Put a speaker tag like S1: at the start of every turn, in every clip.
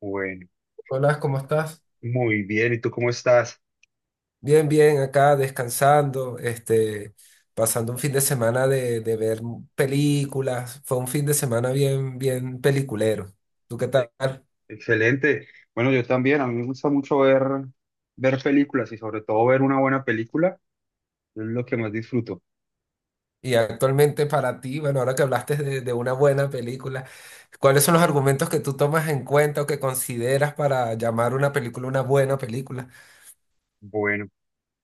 S1: Bueno,
S2: Hola, ¿cómo estás?
S1: muy bien. ¿Y tú cómo estás?
S2: Bien, bien, acá descansando, pasando un fin de semana de ver películas. Fue un fin de semana bien, bien peliculero. ¿Tú qué tal?
S1: Excelente. Bueno, yo también. A mí me gusta mucho ver películas y sobre todo ver una buena película. Es lo que más disfruto.
S2: Y actualmente para ti, bueno, ahora que hablaste de una buena película, ¿cuáles son los argumentos que tú tomas en cuenta o que consideras para llamar una película una buena película?
S1: Bueno,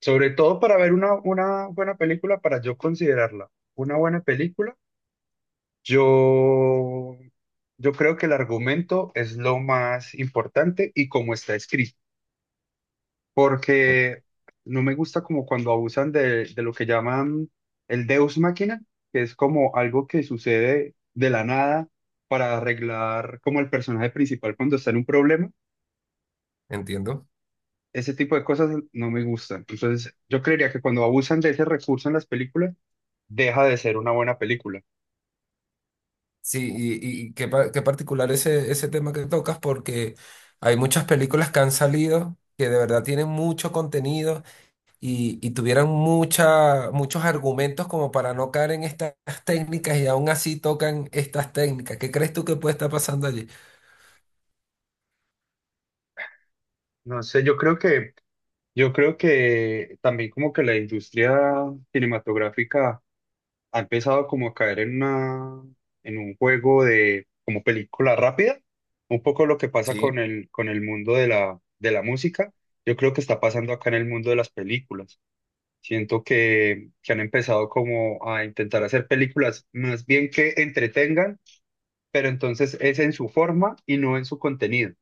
S1: sobre todo para ver una buena película, para yo considerarla una buena película, yo, yo creo que el argumento es lo más importante y cómo está escrito, porque no me gusta como cuando abusan de lo que llaman el Deus máquina, que es como algo que sucede de la nada para arreglar como el personaje principal cuando está en un problema.
S2: Entiendo.
S1: Ese tipo de cosas no me gustan. Entonces, yo creería que cuando abusan de ese recurso en las películas, deja de ser una buena película.
S2: Sí, y qué, qué particular ese, ese tema que tocas, porque hay muchas películas que han salido que de verdad tienen mucho contenido y tuvieran mucha, muchos argumentos como para no caer en estas técnicas y aún así tocan estas técnicas. ¿Qué crees tú que puede estar pasando allí?
S1: No sé, yo creo que también como que la industria cinematográfica ha empezado como a caer en en un juego de como película rápida, un poco lo que pasa
S2: Sí,
S1: con el mundo de la música. Yo creo que está pasando acá en el mundo de las películas. Siento que han empezado como a intentar hacer películas más bien que entretengan, pero entonces es en su forma y no en su contenido.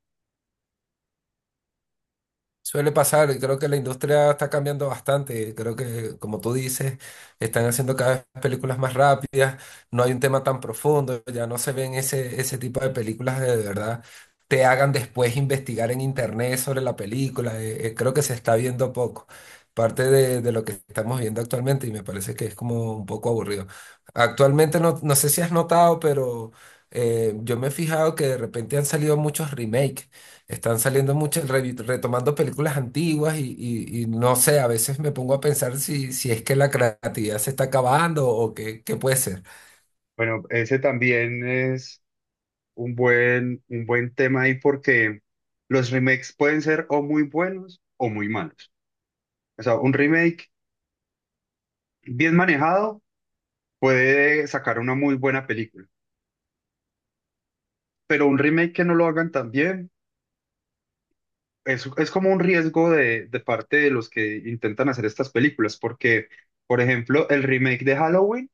S2: suele pasar, y creo que la industria está cambiando bastante. Creo que, como tú dices, están haciendo cada vez películas más rápidas, no hay un tema tan profundo, ya no se ven ese, ese tipo de películas que de verdad te hagan después investigar en internet sobre la película. Creo que se está viendo poco, parte de lo que estamos viendo actualmente y me parece que es como un poco aburrido. Actualmente no, no sé si has notado, pero yo me he fijado que de repente han salido muchos remakes, están saliendo muchas, retomando películas antiguas y, y no sé, a veces me pongo a pensar si, si es que la creatividad se está acabando o qué, qué puede ser.
S1: Bueno, ese también es un buen tema ahí porque los remakes pueden ser o muy buenos o muy malos. O sea, un remake bien manejado puede sacar una muy buena película. Pero un remake que no lo hagan tan bien es como un riesgo de parte de los que intentan hacer estas películas, porque, por ejemplo, el remake de Halloween,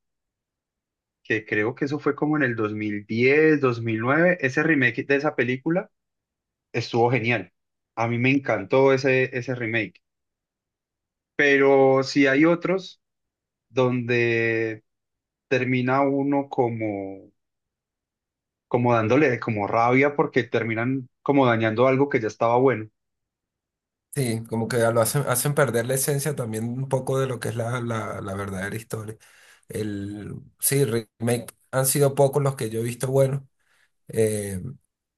S1: que creo que eso fue como en el 2010, 2009. Ese remake de esa película estuvo genial. A mí me encantó ese remake. Pero si hay otros donde termina uno como como dándole como rabia porque terminan como dañando algo que ya estaba bueno.
S2: Sí, como que lo hacen, hacen perder la esencia también un poco de lo que es la verdadera historia. El, sí, remake han sido pocos los que yo he visto buenos. Eh,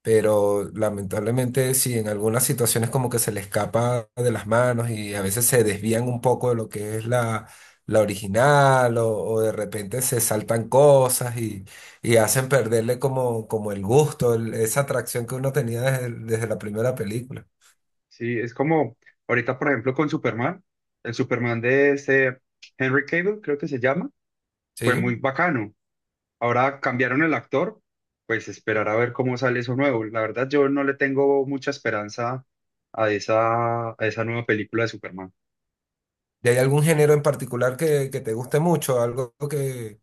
S2: pero lamentablemente sí, en algunas situaciones como que se le escapa de las manos y a veces se desvían un poco de lo que es la, la original o de repente se saltan cosas y hacen perderle como, como el gusto, esa atracción que uno tenía desde, desde la primera película.
S1: Sí, es como ahorita, por ejemplo, con Superman, el Superman de ese Henry Cable, creo que se llama, fue muy
S2: ¿Sí?
S1: bacano. Ahora cambiaron el actor, pues esperar a ver cómo sale eso nuevo. La verdad, yo no le tengo mucha esperanza a esa nueva película de Superman.
S2: ¿Y hay algún género en particular que te guste mucho, algo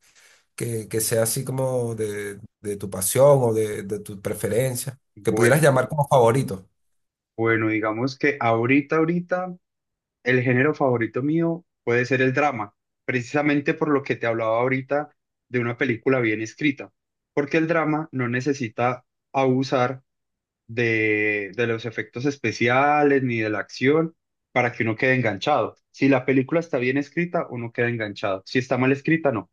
S2: que sea así como de tu pasión o de tu preferencia, que pudieras
S1: Bueno,
S2: llamar como favorito?
S1: bueno, digamos que ahorita, ahorita el género favorito mío puede ser el drama, precisamente por lo que te hablaba ahorita de una película bien escrita, porque el drama no necesita abusar de los efectos especiales ni de la acción para que uno quede enganchado. Si la película está bien escrita, uno queda enganchado. Si está mal escrita, no.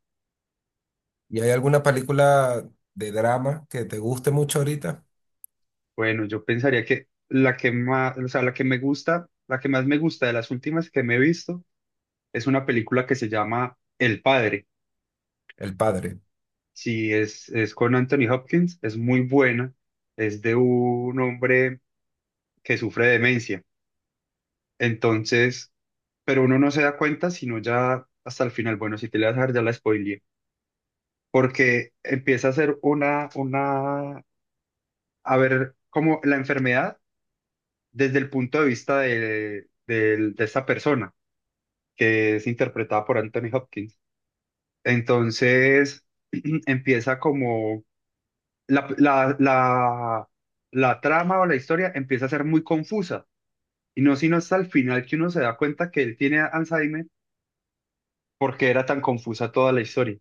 S2: ¿Y hay alguna película de drama que te guste mucho ahorita?
S1: Bueno, yo pensaría que la que más, o sea, la que me gusta, la que más me gusta de las últimas que me he visto es una película que se llama El Padre.
S2: El padre.
S1: Sí, es con Anthony Hopkins, es muy buena, es de un hombre que sufre demencia. Entonces, pero uno no se da cuenta sino ya hasta el final. Bueno, si te la vas a ver, ya la spoileé, porque empieza a ser a ver como la enfermedad desde el punto de vista de, de esta persona que es interpretada por Anthony Hopkins. Entonces, empieza como la, la, la, la trama o la historia empieza a ser muy confusa. Y no sino hasta el final que uno se da cuenta que él tiene Alzheimer porque era tan confusa toda la historia.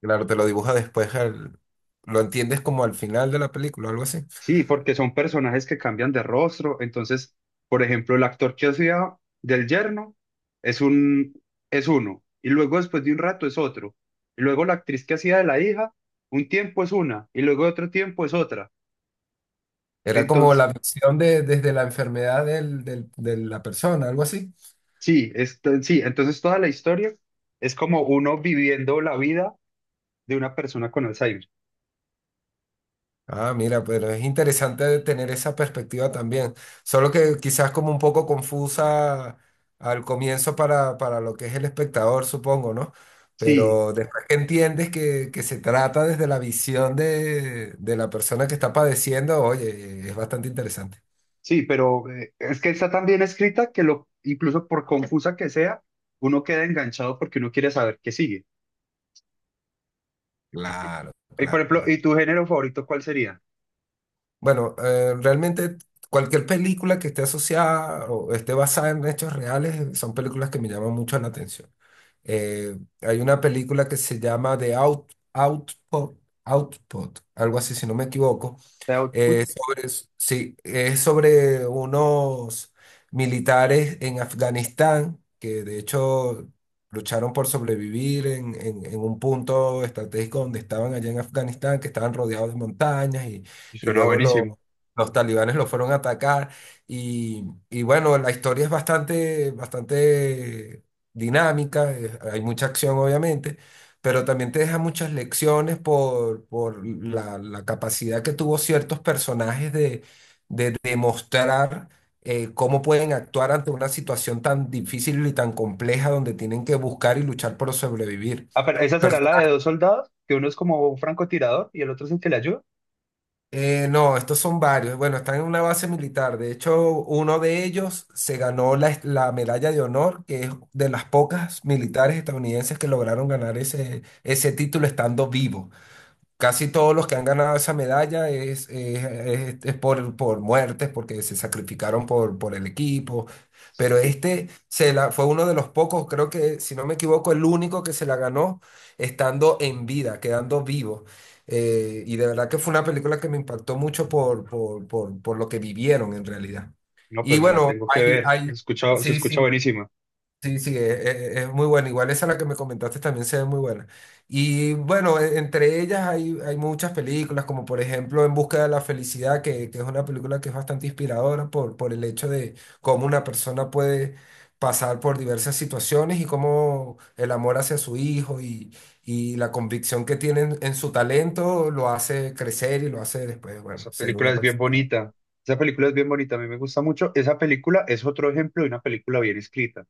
S2: Claro, te lo dibuja después, lo entiendes como al final de la película, algo así.
S1: Sí, porque son personajes que cambian de rostro. Entonces, por ejemplo, el actor que hacía del yerno es un, es uno. Y luego después de un rato es otro. Y luego la actriz que hacía de la hija, un tiempo es una. Y luego otro tiempo es otra.
S2: Era como
S1: Entonces,
S2: la visión de, desde la enfermedad del, de la persona, algo así.
S1: sí, esto, sí, entonces toda la historia es como uno viviendo la vida de una persona con Alzheimer.
S2: Ah, mira, pero es interesante tener esa perspectiva también. Solo que quizás como un poco confusa al comienzo para lo que es el espectador, supongo, ¿no?
S1: Sí,
S2: Pero después que entiendes que se trata desde la visión de la persona que está padeciendo, oye, es bastante interesante.
S1: sí, pero es que está tan bien escrita que, lo, incluso por confusa que sea, uno queda enganchado porque uno quiere saber qué sigue. Y,
S2: Claro,
S1: por
S2: claro,
S1: ejemplo,
S2: claro.
S1: ¿y tu género favorito cuál sería?
S2: Bueno, realmente cualquier película que esté asociada o esté basada en hechos reales, son películas que me llaman mucho la atención. Hay una película que se llama The Out, Output, Output, algo así si no me equivoco,
S1: The Output.
S2: sobre, sí, es sobre unos militares en Afganistán que de hecho lucharon por sobrevivir en, en un punto estratégico donde estaban allá en Afganistán, que estaban rodeados de montañas
S1: Y
S2: y
S1: suena
S2: luego
S1: buenísimo.
S2: los talibanes los fueron a atacar. Y, y bueno, la historia es bastante, bastante dinámica, hay mucha acción obviamente, pero también te deja muchas lecciones por la, la capacidad que tuvo ciertos personajes de demostrar, cómo pueden actuar ante una situación tan difícil y tan compleja donde tienen que buscar y luchar por sobrevivir.
S1: Ah, pero esa será la de
S2: Personajes-
S1: dos soldados, que uno es como un francotirador y el otro es el que le ayuda.
S2: no, estos son varios. Bueno, están en una base militar. De hecho, uno de ellos se ganó la, la medalla de honor, que es de las pocas militares estadounidenses que lograron ganar ese, ese título estando vivo. Casi todos los que han ganado esa medalla es, es por muertes, porque se sacrificaron por el equipo. Pero
S1: Sí.
S2: este se la, fue uno de los pocos, creo que, si no me equivoco, el único que se la ganó estando en vida, quedando vivo. Y de verdad que fue una película que me impactó mucho por lo que vivieron en realidad.
S1: No,
S2: Y
S1: pues me la
S2: bueno,
S1: tengo que
S2: hay,
S1: ver.
S2: hay,
S1: Se
S2: sí,
S1: escucha
S2: sí.
S1: buenísima.
S2: Sí, sí, es, es muy buena. Igual esa la que me comentaste también se ve muy buena. Y bueno, entre ellas hay, hay muchas películas, como por ejemplo En Busca de la Felicidad, que es una película que es bastante inspiradora por el hecho de cómo una persona puede pasar por diversas situaciones y cómo el amor hacia su hijo y la convicción que tiene en su talento lo hace crecer y lo hace después, bueno,
S1: Esa
S2: ser
S1: película
S2: una
S1: es bien
S2: persona
S1: bonita. Esa película es bien bonita, a mí me gusta mucho. Esa película es otro ejemplo de una película bien escrita.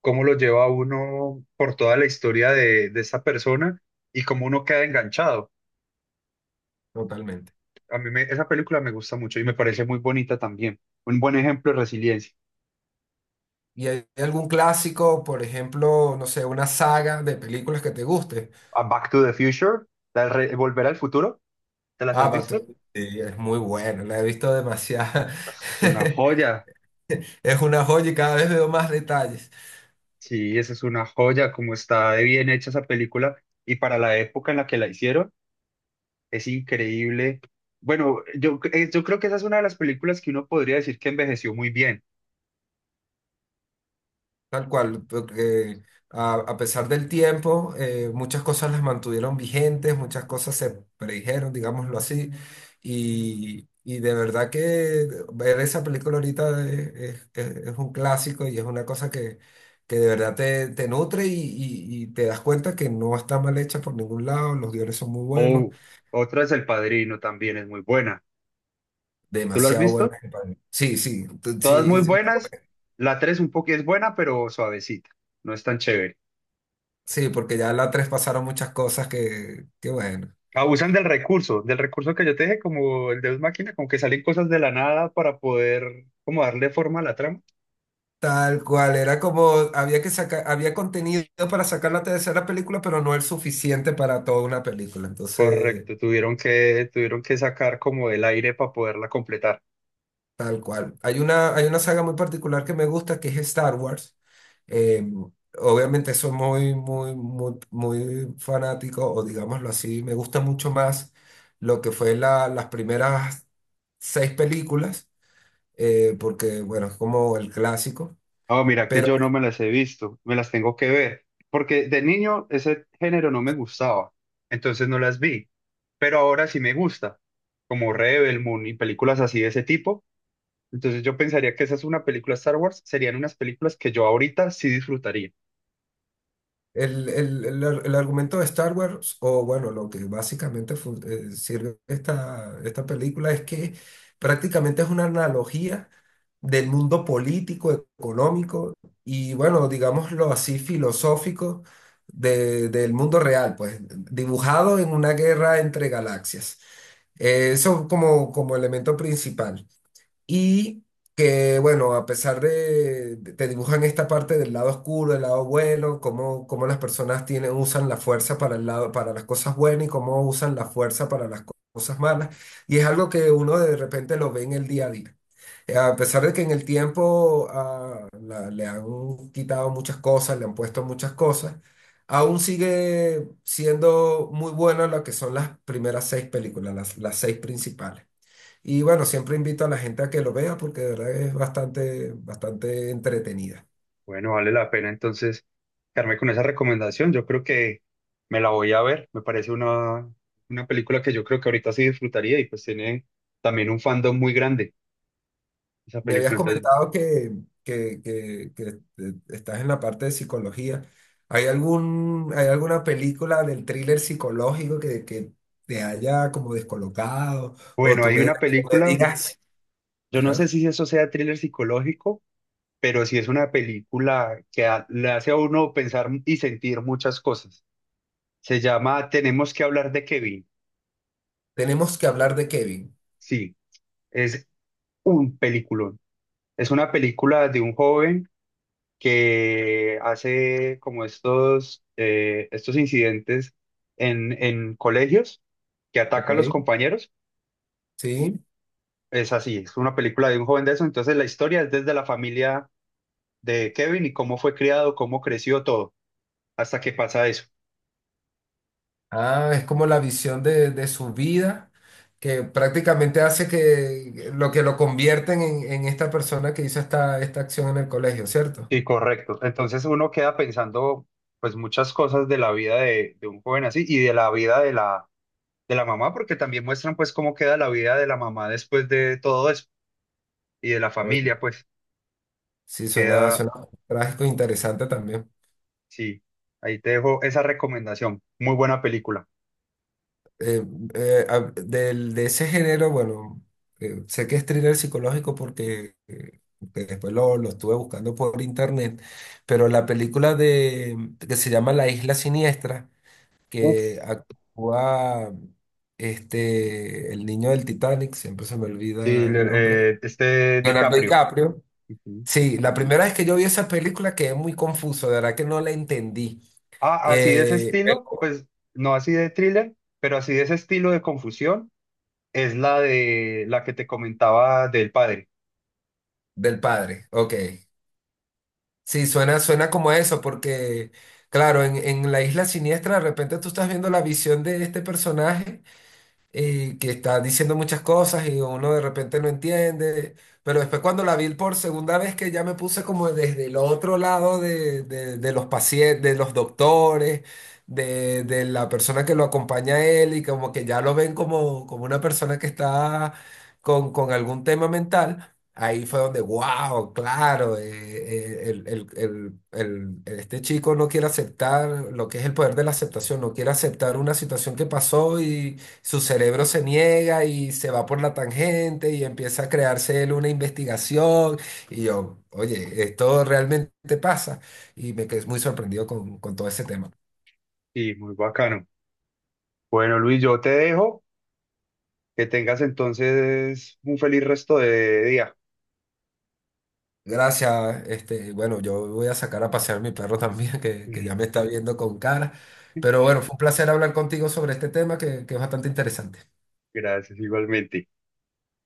S1: Cómo lo lleva a uno por toda la historia de esa persona y cómo uno queda enganchado.
S2: totalmente.
S1: A mí me- esa película me gusta mucho y me parece muy bonita también. Un buen ejemplo de resiliencia.
S2: ¿Y hay algún clásico, por ejemplo, no sé, una saga de películas que te guste?
S1: A Back to the Future, la de re- Volver al Futuro, ¿te las
S2: Ah,
S1: has
S2: Back to
S1: visto?
S2: the Future sí, es muy bueno, la he visto demasiado.
S1: Eso es una joya.
S2: Es una joya y cada vez veo más detalles.
S1: Sí, esa es una joya, cómo está de bien hecha esa película y para la época en la que la hicieron es increíble. Bueno, yo, yo creo que esa es una de las películas que uno podría decir que envejeció muy bien.
S2: Tal cual, porque a pesar del tiempo, muchas cosas las mantuvieron vigentes, muchas cosas se predijeron, digámoslo así, y de verdad que ver esa película ahorita es, es un clásico y es una cosa que de verdad te, te nutre y, y te das cuenta que no está mal hecha por ningún lado, los guiones son muy buenos,
S1: O otra es El Padrino, también es muy buena. ¿Tú lo has
S2: demasiado
S1: visto?
S2: buenos, compadre. Sí, sí,
S1: Todas muy
S2: sí,
S1: buenas. La tres un poco es buena, pero suavecita. No es tan chévere.
S2: sí, porque ya la tres pasaron muchas cosas que bueno.
S1: Abusan del recurso que yo te dije, como el Deus Máquina, como que salen cosas de la nada para poder como darle forma a la trama.
S2: Tal cual, era como, había que sacar, había contenido para sacar la tercera película, pero no el suficiente para toda una película. Entonces,
S1: Correcto, tuvieron que sacar como del aire para poderla completar.
S2: tal cual. Hay una saga muy particular que me gusta, que es Star Wars. Eh, Obviamente soy muy, muy, muy, muy fanático, o digámoslo así, me gusta mucho más lo que fue las primeras seis películas, porque, bueno, es como el clásico.
S1: Oh, mira que yo no me las he visto, me las tengo que ver, porque de niño ese género no me gustaba, entonces no las vi, pero ahora sí me gusta, como Rebel Moon y películas así de ese tipo, entonces yo pensaría que esa es una película Star Wars, serían unas películas que yo ahorita sí disfrutaría.
S2: El, el el argumento de Star Wars, o bueno, lo que básicamente sirve esta, esta película es que prácticamente es una analogía del mundo político, económico y bueno, digámoslo así, filosófico del mundo real, pues dibujado en una guerra entre galaxias. Eso como, como elemento principal. Y que, bueno, a pesar de, te dibujan esta parte del lado oscuro, del lado bueno, cómo, cómo las personas tienen, usan la fuerza para el lado, para las cosas buenas y cómo usan la fuerza para las cosas malas. Y es algo que uno de repente lo ve en el día a día. A pesar de que en el tiempo ah, le han quitado muchas cosas, le han puesto muchas cosas, aún sigue siendo muy buena lo que son las primeras seis películas, las seis principales. Y bueno, siempre invito a la gente a que lo vea porque de verdad es bastante, bastante entretenida.
S1: Bueno, vale la pena entonces quedarme con esa recomendación, yo creo que me la voy a ver, me parece una película que yo creo que ahorita sí disfrutaría y pues tiene también un fandom muy grande esa
S2: Me habías
S1: película, entonces...
S2: comentado que, que, estás en la parte de psicología. ¿Hay algún, hay alguna película del thriller psicológico que te haya como descolocado o
S1: Bueno,
S2: tú
S1: hay
S2: me,
S1: una
S2: me
S1: película.
S2: digas,
S1: Yo no sé
S2: ajá,
S1: si eso sea thriller psicológico, pero sí es una película que a- le hace a uno pensar y sentir muchas cosas. Se llama Tenemos que hablar de Kevin.
S2: tenemos que hablar de Kevin?
S1: Sí, es un peliculón. Es una película de un joven que hace como estos, estos incidentes en colegios, que
S2: ¿Ok?
S1: ataca a los compañeros.
S2: Sí.
S1: Es así, es una película de un joven de eso. Entonces la historia es desde la familia de Kevin y cómo fue criado, cómo creció todo, hasta que pasa eso.
S2: Ah, es como la visión de su vida que prácticamente hace que lo convierten en esta persona que hizo esta, esta acción en el colegio, ¿cierto?
S1: Sí, correcto. Entonces uno queda pensando pues muchas cosas de la vida de un joven así y de la vida de la mamá, porque también muestran pues cómo queda la vida de la mamá después de todo eso y de la
S2: Oye,
S1: familia, pues
S2: sí, suena,
S1: queda,
S2: suena trágico e interesante también.
S1: sí, ahí te dejo esa recomendación. Muy buena película.
S2: Eh, de ese género, bueno, sé que es thriller psicológico porque que después lo estuve buscando por internet, pero la película de, que se llama La Isla Siniestra,
S1: Uf,
S2: que actúa este, el niño del Titanic, siempre se me
S1: sí,
S2: olvida el nombre,
S1: este
S2: Leonardo
S1: DiCaprio.
S2: DiCaprio.
S1: Ujú.
S2: Sí, la primera vez que yo vi esa película quedé muy confuso, de verdad que no la entendí.
S1: Ah, así de ese
S2: Eh,
S1: estilo,
S2: pero-
S1: pues no así de thriller, pero así de ese estilo de confusión es la de la que te comentaba del padre.
S2: del padre, ok. Sí, suena, suena como eso, porque claro, en La Isla Siniestra de repente tú estás viendo la visión de este personaje, y que está diciendo muchas cosas y uno de repente no entiende, pero después cuando la vi por segunda vez que ya me puse como desde el otro lado de, de los pacientes, de los doctores, de la persona que lo acompaña a él y como que ya lo ven como, como una persona que está con algún tema mental. Ahí fue donde, wow, claro, el- este chico no quiere aceptar lo que es el poder de la aceptación, no quiere aceptar una situación que pasó, su cerebro se niega y se va por la tangente y empieza a crearse él una investigación. Y yo, oye, esto realmente pasa. Y me quedé muy sorprendido con todo ese tema.
S1: Sí, muy bacano. Bueno, Luis, yo te dejo. Que tengas entonces un feliz resto de día.
S2: Gracias, bueno, yo voy a sacar a pasear mi perro también, que ya me está viendo con cara. Pero bueno, fue un placer hablar contigo sobre este tema que es bastante interesante.
S1: Gracias, igualmente.